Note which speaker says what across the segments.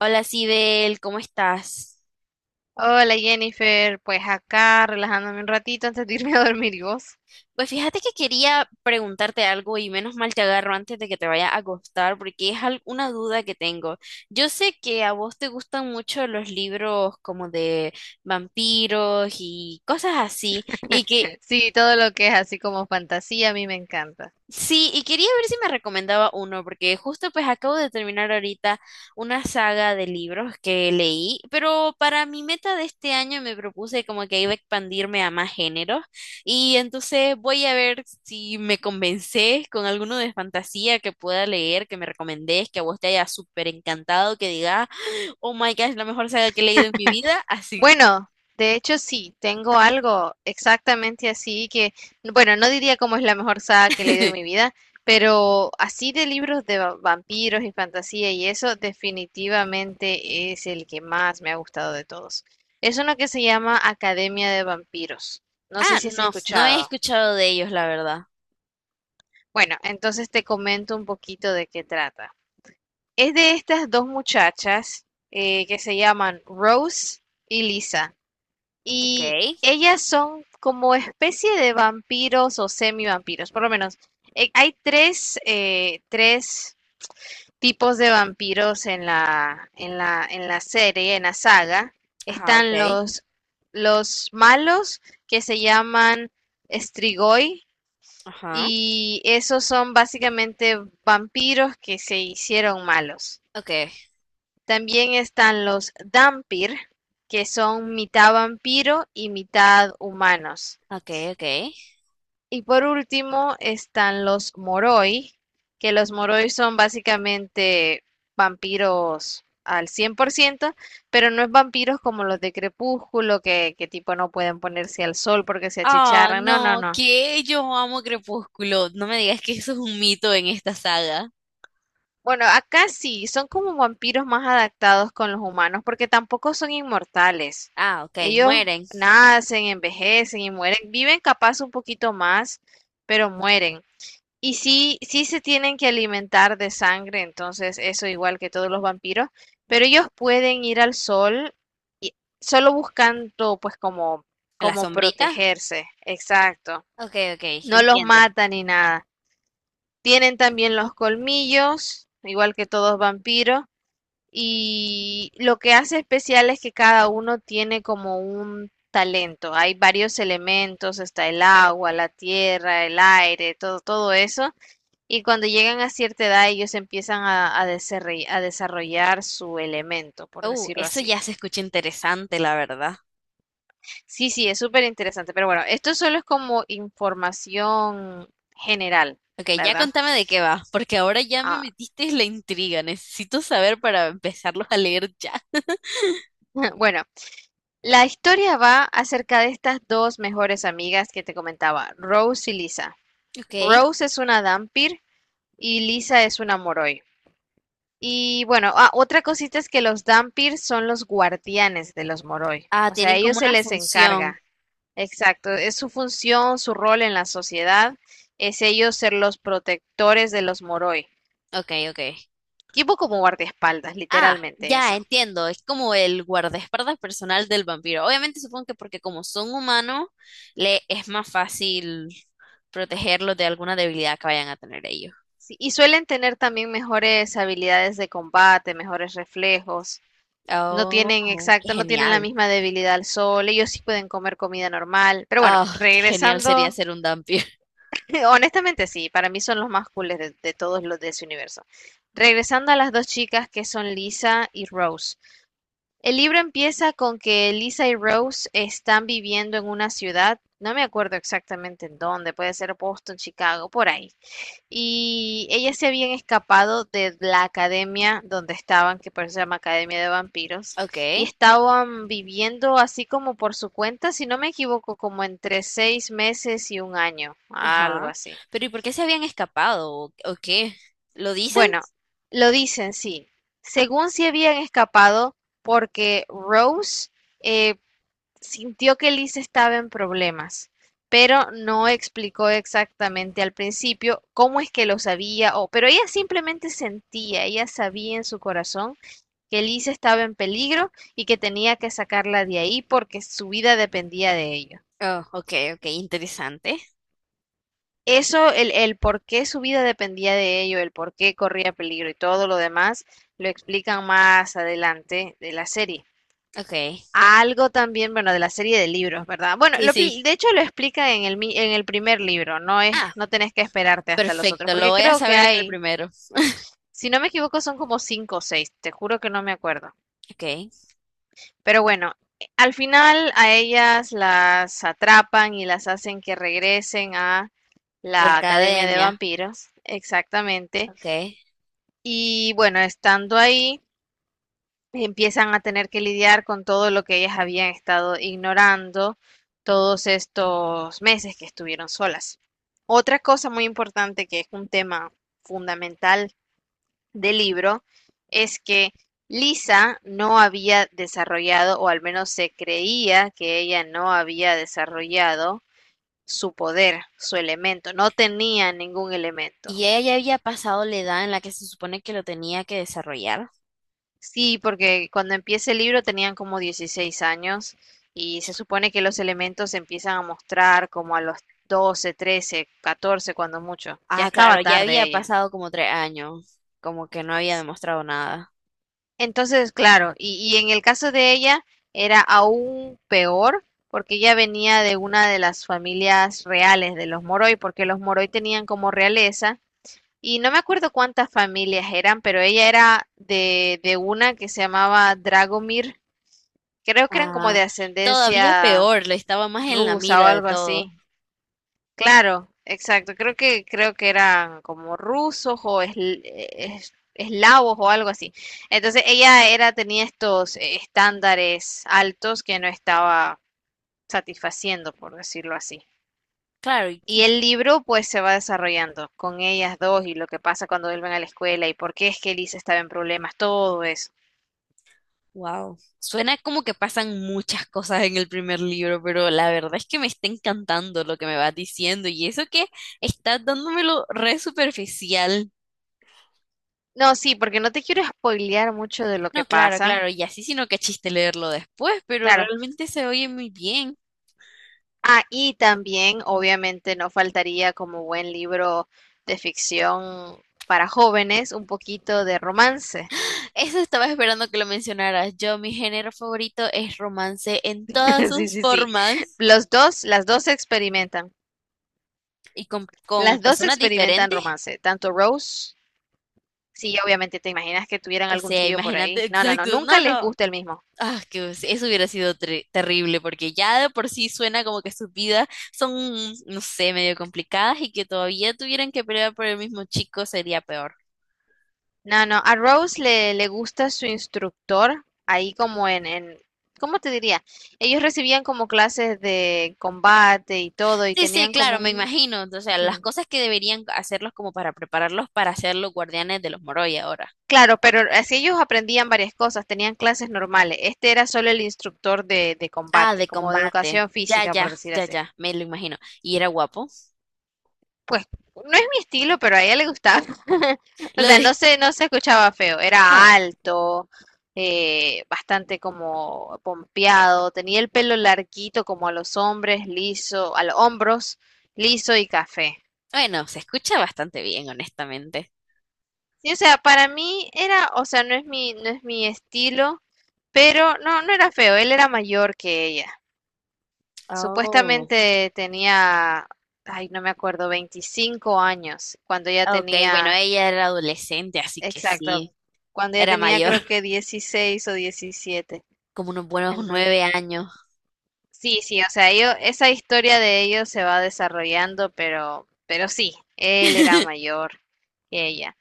Speaker 1: Hola, Sibel, ¿cómo estás?
Speaker 2: Hola Jennifer, pues acá relajándome un ratito antes de irme a dormir y vos.
Speaker 1: Pues fíjate que quería preguntarte algo y menos mal te agarro antes de que te vaya a acostar porque una duda que tengo. Yo sé que a vos te gustan mucho los libros como de vampiros y cosas así y que
Speaker 2: Sí, todo lo que es así como fantasía a mí me encanta.
Speaker 1: sí, y quería ver si me recomendaba uno, porque justo pues acabo de terminar ahorita una saga de libros que leí, pero para mi meta de este año me propuse como que iba a expandirme a más géneros, y entonces voy a ver si me convencés con alguno de fantasía que pueda leer, que me recomendés, que a vos te haya súper encantado, que diga oh my gosh, la mejor saga que he leído en mi vida, así.
Speaker 2: Bueno, de hecho sí, tengo algo exactamente así que, bueno, no diría cómo es la mejor saga que he leído en mi vida, pero así de libros de vampiros y fantasía y eso definitivamente es el que más me ha gustado de todos. Es uno que se llama Academia de Vampiros. No sé
Speaker 1: Ah,
Speaker 2: si has
Speaker 1: no, no he
Speaker 2: escuchado.
Speaker 1: escuchado de ellos, la verdad.
Speaker 2: Bueno, entonces te comento un poquito de qué trata. Es de estas dos muchachas que se llaman Rose y Lisa.
Speaker 1: Ok,
Speaker 2: Y ellas son como especie de vampiros o semivampiros, por lo menos. Hay tres, tres tipos de vampiros en la serie, en la saga.
Speaker 1: ajá, ok,
Speaker 2: Están los malos que se llaman Strigoi,
Speaker 1: ajá,
Speaker 2: y esos son básicamente vampiros que se hicieron malos.
Speaker 1: ok.
Speaker 2: También están los Dampir, que son mitad vampiro y mitad humanos.
Speaker 1: Ok, ok.
Speaker 2: Y por último están los Moroi, que los Moroi son básicamente vampiros al 100%, pero no es vampiros como los de Crepúsculo, que tipo no pueden ponerse al sol porque se
Speaker 1: Ah,
Speaker 2: achicharran. No, no,
Speaker 1: no,
Speaker 2: no.
Speaker 1: que yo amo Crepúsculo. No me digas que eso es un mito en esta saga.
Speaker 2: Bueno, acá sí, son como vampiros más adaptados con los humanos, porque tampoco son inmortales.
Speaker 1: Ah, ok,
Speaker 2: Ellos
Speaker 1: mueren.
Speaker 2: nacen, envejecen y mueren. Viven capaz un poquito más, pero mueren. Y sí, sí se tienen que alimentar de sangre, entonces eso igual que todos los vampiros, pero ellos pueden ir al sol y solo buscando pues
Speaker 1: ¿En la
Speaker 2: como
Speaker 1: sombrita?
Speaker 2: protegerse. Exacto.
Speaker 1: Ok, ok,
Speaker 2: No los
Speaker 1: entiendo.
Speaker 2: matan ni nada. Tienen también los colmillos, igual que todos vampiros, y lo que hace especial es que cada uno tiene como un talento. Hay varios elementos, está el agua, la tierra, el aire, todo, todo eso. Y cuando llegan a cierta edad, ellos empiezan a desarrollar su elemento, por decirlo
Speaker 1: Eso
Speaker 2: así.
Speaker 1: ya se escucha interesante, la verdad.
Speaker 2: Sí, sí, es súper interesante. Pero bueno, esto solo es como información general,
Speaker 1: Ok, ya
Speaker 2: ¿verdad?
Speaker 1: contame de qué va, porque ahora ya me
Speaker 2: Ah,
Speaker 1: metiste en la intriga. Necesito saber para empezarlos a leer ya.
Speaker 2: bueno, la historia va acerca de estas dos mejores amigas que te comentaba, Rose y Lisa.
Speaker 1: Ok.
Speaker 2: Rose es una Dampir y Lisa es una Moroi. Y bueno, ah, otra cosita es que los Dampir son los guardianes de los Moroi.
Speaker 1: Ah,
Speaker 2: O sea, a
Speaker 1: tienen
Speaker 2: ellos
Speaker 1: como
Speaker 2: se
Speaker 1: una
Speaker 2: les
Speaker 1: función.
Speaker 2: encarga. Exacto, es su función, su rol en la sociedad, es ellos ser los protectores de los Moroi.
Speaker 1: Ok, ok.
Speaker 2: Tipo como guardaespaldas,
Speaker 1: Ah,
Speaker 2: literalmente
Speaker 1: ya
Speaker 2: eso.
Speaker 1: entiendo, es como el guardaespaldas personal del vampiro. Obviamente supongo que porque como son humanos, le es más fácil protegerlos de alguna debilidad que vayan a tener ellos.
Speaker 2: Sí, y suelen tener también mejores habilidades de combate, mejores reflejos. No tienen,
Speaker 1: Oh, qué
Speaker 2: exacto, no tienen la
Speaker 1: genial.
Speaker 2: misma debilidad al sol, ellos sí pueden comer comida normal. Pero bueno,
Speaker 1: Oh, qué genial sería
Speaker 2: regresando,
Speaker 1: ser un vampiro.
Speaker 2: honestamente sí, para mí son los más cooles de todos los de ese universo. Regresando a las dos chicas que son Lisa y Rose. El libro empieza con que Lisa y Rose están viviendo en una ciudad, no me acuerdo exactamente en dónde, puede ser Boston, Chicago, por ahí. Y ellas se habían escapado de la academia donde estaban, que por eso se llama Academia de Vampiros,
Speaker 1: Ok,
Speaker 2: y estaban viviendo así como por su cuenta, si no me equivoco, como entre seis meses y un año, algo
Speaker 1: ajá.
Speaker 2: así.
Speaker 1: Pero ¿y por qué se habían escapado? O qué? ¿Lo dicen?
Speaker 2: Bueno, lo dicen, sí. Según se habían escapado porque Rose eh, sintió que Liz estaba en problemas, pero no explicó exactamente al principio cómo es que lo sabía, o, pero ella simplemente sentía, ella sabía en su corazón que Liz estaba en peligro y que tenía que sacarla de ahí porque su vida dependía de ello.
Speaker 1: Oh, ok, ok, interesante.
Speaker 2: Eso, el por qué su vida dependía de ello, el por qué corría peligro y todo lo demás, lo explican más adelante de la serie.
Speaker 1: Ok,
Speaker 2: Algo también, bueno, de la serie de libros, ¿verdad? Bueno,
Speaker 1: sí, sí.
Speaker 2: de hecho lo explica en en el primer libro, no es,
Speaker 1: Ah,
Speaker 2: no tenés que esperarte hasta los otros,
Speaker 1: perfecto, lo
Speaker 2: porque
Speaker 1: voy a
Speaker 2: creo que
Speaker 1: saber en el
Speaker 2: hay,
Speaker 1: primero.
Speaker 2: si no me equivoco, son como cinco o seis, te juro que no me acuerdo.
Speaker 1: Ok,
Speaker 2: Pero bueno, al final a ellas las atrapan y las hacen que regresen a
Speaker 1: la
Speaker 2: la Academia de
Speaker 1: academia.
Speaker 2: Vampiros, exactamente.
Speaker 1: Ok.
Speaker 2: Y bueno, estando ahí, empiezan a tener que lidiar con todo lo que ellas habían estado ignorando todos estos meses que estuvieron solas. Otra cosa muy importante que es un tema fundamental del libro es que Lisa no había desarrollado, o al menos se creía que ella no había desarrollado su poder, su elemento, no tenía ningún elemento.
Speaker 1: Y ella ya había pasado la edad en la que se supone que lo tenía que desarrollar.
Speaker 2: Sí, porque cuando empieza el libro tenían como 16 años y se supone que los elementos se empiezan a mostrar como a los 12, 13, 14 cuando mucho. Ya
Speaker 1: Ah,
Speaker 2: estaba
Speaker 1: claro, ya
Speaker 2: tarde
Speaker 1: había
Speaker 2: ella.
Speaker 1: pasado como 3 años, como que no había demostrado nada.
Speaker 2: Entonces, claro, y en el caso de ella era aún peor porque ella venía de una de las familias reales de los Moroi, porque los Moroi tenían como realeza, y no me acuerdo cuántas familias eran, pero ella era de una que se llamaba Dragomir. Creo que eran como
Speaker 1: Ah,
Speaker 2: de
Speaker 1: todavía
Speaker 2: ascendencia
Speaker 1: peor, le estaba más en la
Speaker 2: rusa o
Speaker 1: mira de
Speaker 2: algo
Speaker 1: todo.
Speaker 2: así. Claro, exacto. Creo que eran como rusos o eslavos o algo así. Entonces ella era tenía estos estándares altos que no estaba satisfaciendo, por decirlo así.
Speaker 1: Claro, y
Speaker 2: Y el libro pues se va desarrollando con ellas dos y lo que pasa cuando vuelven a la escuela y por qué es que Elisa estaba en problemas, todo eso.
Speaker 1: wow. Suena como que pasan muchas cosas en el primer libro, pero la verdad es que me está encantando lo que me vas diciendo y eso que estás dándomelo re superficial.
Speaker 2: No, sí, porque no te quiero spoilear mucho de lo que
Speaker 1: No, claro,
Speaker 2: pasa.
Speaker 1: claro, y así sino que chiste leerlo después, pero
Speaker 2: Claro,
Speaker 1: realmente se oye muy bien.
Speaker 2: ah, y también, obviamente, no faltaría como buen libro de ficción para jóvenes, un poquito de romance.
Speaker 1: Eso estaba esperando que lo mencionaras. Yo, mi género favorito es romance en todas
Speaker 2: Sí,
Speaker 1: sus
Speaker 2: sí, sí.
Speaker 1: formas
Speaker 2: Las dos experimentan,
Speaker 1: y con personas diferentes.
Speaker 2: romance, tanto Rose, sí, obviamente, te imaginas que tuvieran
Speaker 1: O
Speaker 2: algún
Speaker 1: sea,
Speaker 2: trío por
Speaker 1: imagínate,
Speaker 2: ahí. No, no, no,
Speaker 1: exacto.
Speaker 2: nunca
Speaker 1: No,
Speaker 2: les
Speaker 1: no.
Speaker 2: gusta el mismo.
Speaker 1: Ah, eso hubiera sido terrible porque ya de por sí suena como que sus vidas son, no sé, medio complicadas y que todavía tuvieran que pelear por el mismo chico sería peor.
Speaker 2: No, no, a Rose le gusta su instructor, ahí como ¿cómo te diría? Ellos recibían como clases de combate y todo, y
Speaker 1: Sí, sí,
Speaker 2: tenían
Speaker 1: claro,
Speaker 2: como
Speaker 1: me
Speaker 2: un...
Speaker 1: imagino. O sea, las
Speaker 2: ujú.
Speaker 1: cosas que deberían hacerlos como para prepararlos para ser los guardianes de los Moroi ahora.
Speaker 2: Claro, pero así ellos aprendían varias cosas, tenían clases normales. Este era solo el instructor de
Speaker 1: Ah,
Speaker 2: combate,
Speaker 1: de
Speaker 2: como de
Speaker 1: combate.
Speaker 2: educación
Speaker 1: Ya,
Speaker 2: física, por
Speaker 1: ya,
Speaker 2: decir
Speaker 1: ya,
Speaker 2: así.
Speaker 1: ya, me lo imagino. Y era guapo.
Speaker 2: Pues no es mi estilo, pero a ella le gustaba. O
Speaker 1: Lo
Speaker 2: sea,
Speaker 1: de...
Speaker 2: no se escuchaba feo,
Speaker 1: Ah,
Speaker 2: era alto, bastante como pompeado, tenía el pelo larguito como a los hombres, liso, a los hombros, liso y café.
Speaker 1: bueno, se escucha bastante bien, honestamente.
Speaker 2: Sí, o sea, para mí era, o sea, no es mi estilo, pero no, no era feo, él era mayor que ella.
Speaker 1: Oh.
Speaker 2: Supuestamente tenía, ay, no me acuerdo, 25 años, cuando ella
Speaker 1: Ok, bueno,
Speaker 2: tenía,
Speaker 1: ella era adolescente, así que
Speaker 2: exacto,
Speaker 1: sí,
Speaker 2: cuando ella
Speaker 1: era
Speaker 2: tenía
Speaker 1: mayor,
Speaker 2: creo que 16 o 17.
Speaker 1: como unos buenos
Speaker 2: Entonces,
Speaker 1: 9 años.
Speaker 2: sí, sí, o sea, esa historia de ellos se va desarrollando, pero sí, él era mayor que ella.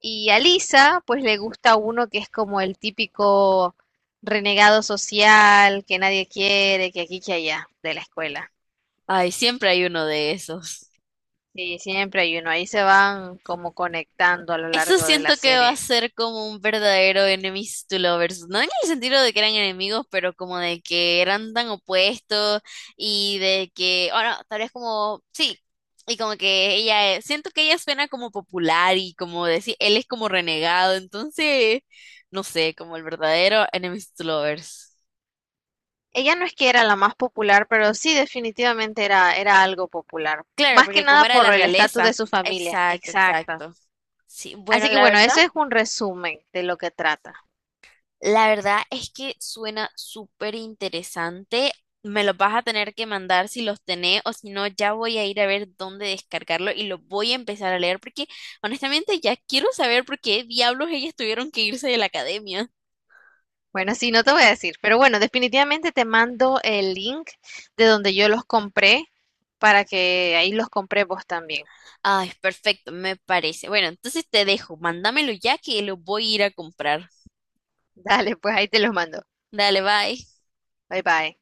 Speaker 2: Y a Lisa, pues le gusta uno que es como el típico renegado social, que nadie quiere, que aquí, que allá, de la escuela.
Speaker 1: Ay, siempre hay uno de esos.
Speaker 2: Sí, siempre hay uno. Ahí se van como conectando a lo
Speaker 1: Eso
Speaker 2: largo de la
Speaker 1: siento que va a
Speaker 2: serie.
Speaker 1: ser como un verdadero enemies to lovers, no en el sentido de que eran enemigos, pero como de que eran tan opuestos y de que, bueno, tal vez como, sí, y como que ella, siento que ella suena como popular y como decir, él es como renegado, entonces, no sé, como el verdadero enemies to lovers.
Speaker 2: Ella no es que era la más popular, pero sí definitivamente era algo popular.
Speaker 1: Claro,
Speaker 2: Más que
Speaker 1: porque como
Speaker 2: nada
Speaker 1: era de la
Speaker 2: por el estatus
Speaker 1: realeza.
Speaker 2: de su familia.
Speaker 1: Exacto,
Speaker 2: Exacto.
Speaker 1: exacto. Sí, bueno,
Speaker 2: Así que
Speaker 1: la
Speaker 2: bueno,
Speaker 1: verdad.
Speaker 2: eso es un resumen de lo que trata.
Speaker 1: La verdad es que suena súper interesante. Me los vas a tener que mandar si los tenés o si no, ya voy a ir a ver dónde descargarlo y lo voy a empezar a leer porque honestamente ya quiero saber por qué diablos ellas tuvieron que irse de la academia.
Speaker 2: Bueno, sí, no te voy a decir, pero bueno, definitivamente te mando el link de donde yo los compré para que ahí los compré vos también.
Speaker 1: Ay, perfecto, me parece. Bueno, entonces te dejo, mándamelo ya que lo voy a ir a comprar.
Speaker 2: Dale, pues ahí te los mando.
Speaker 1: Dale, bye.
Speaker 2: Bye bye.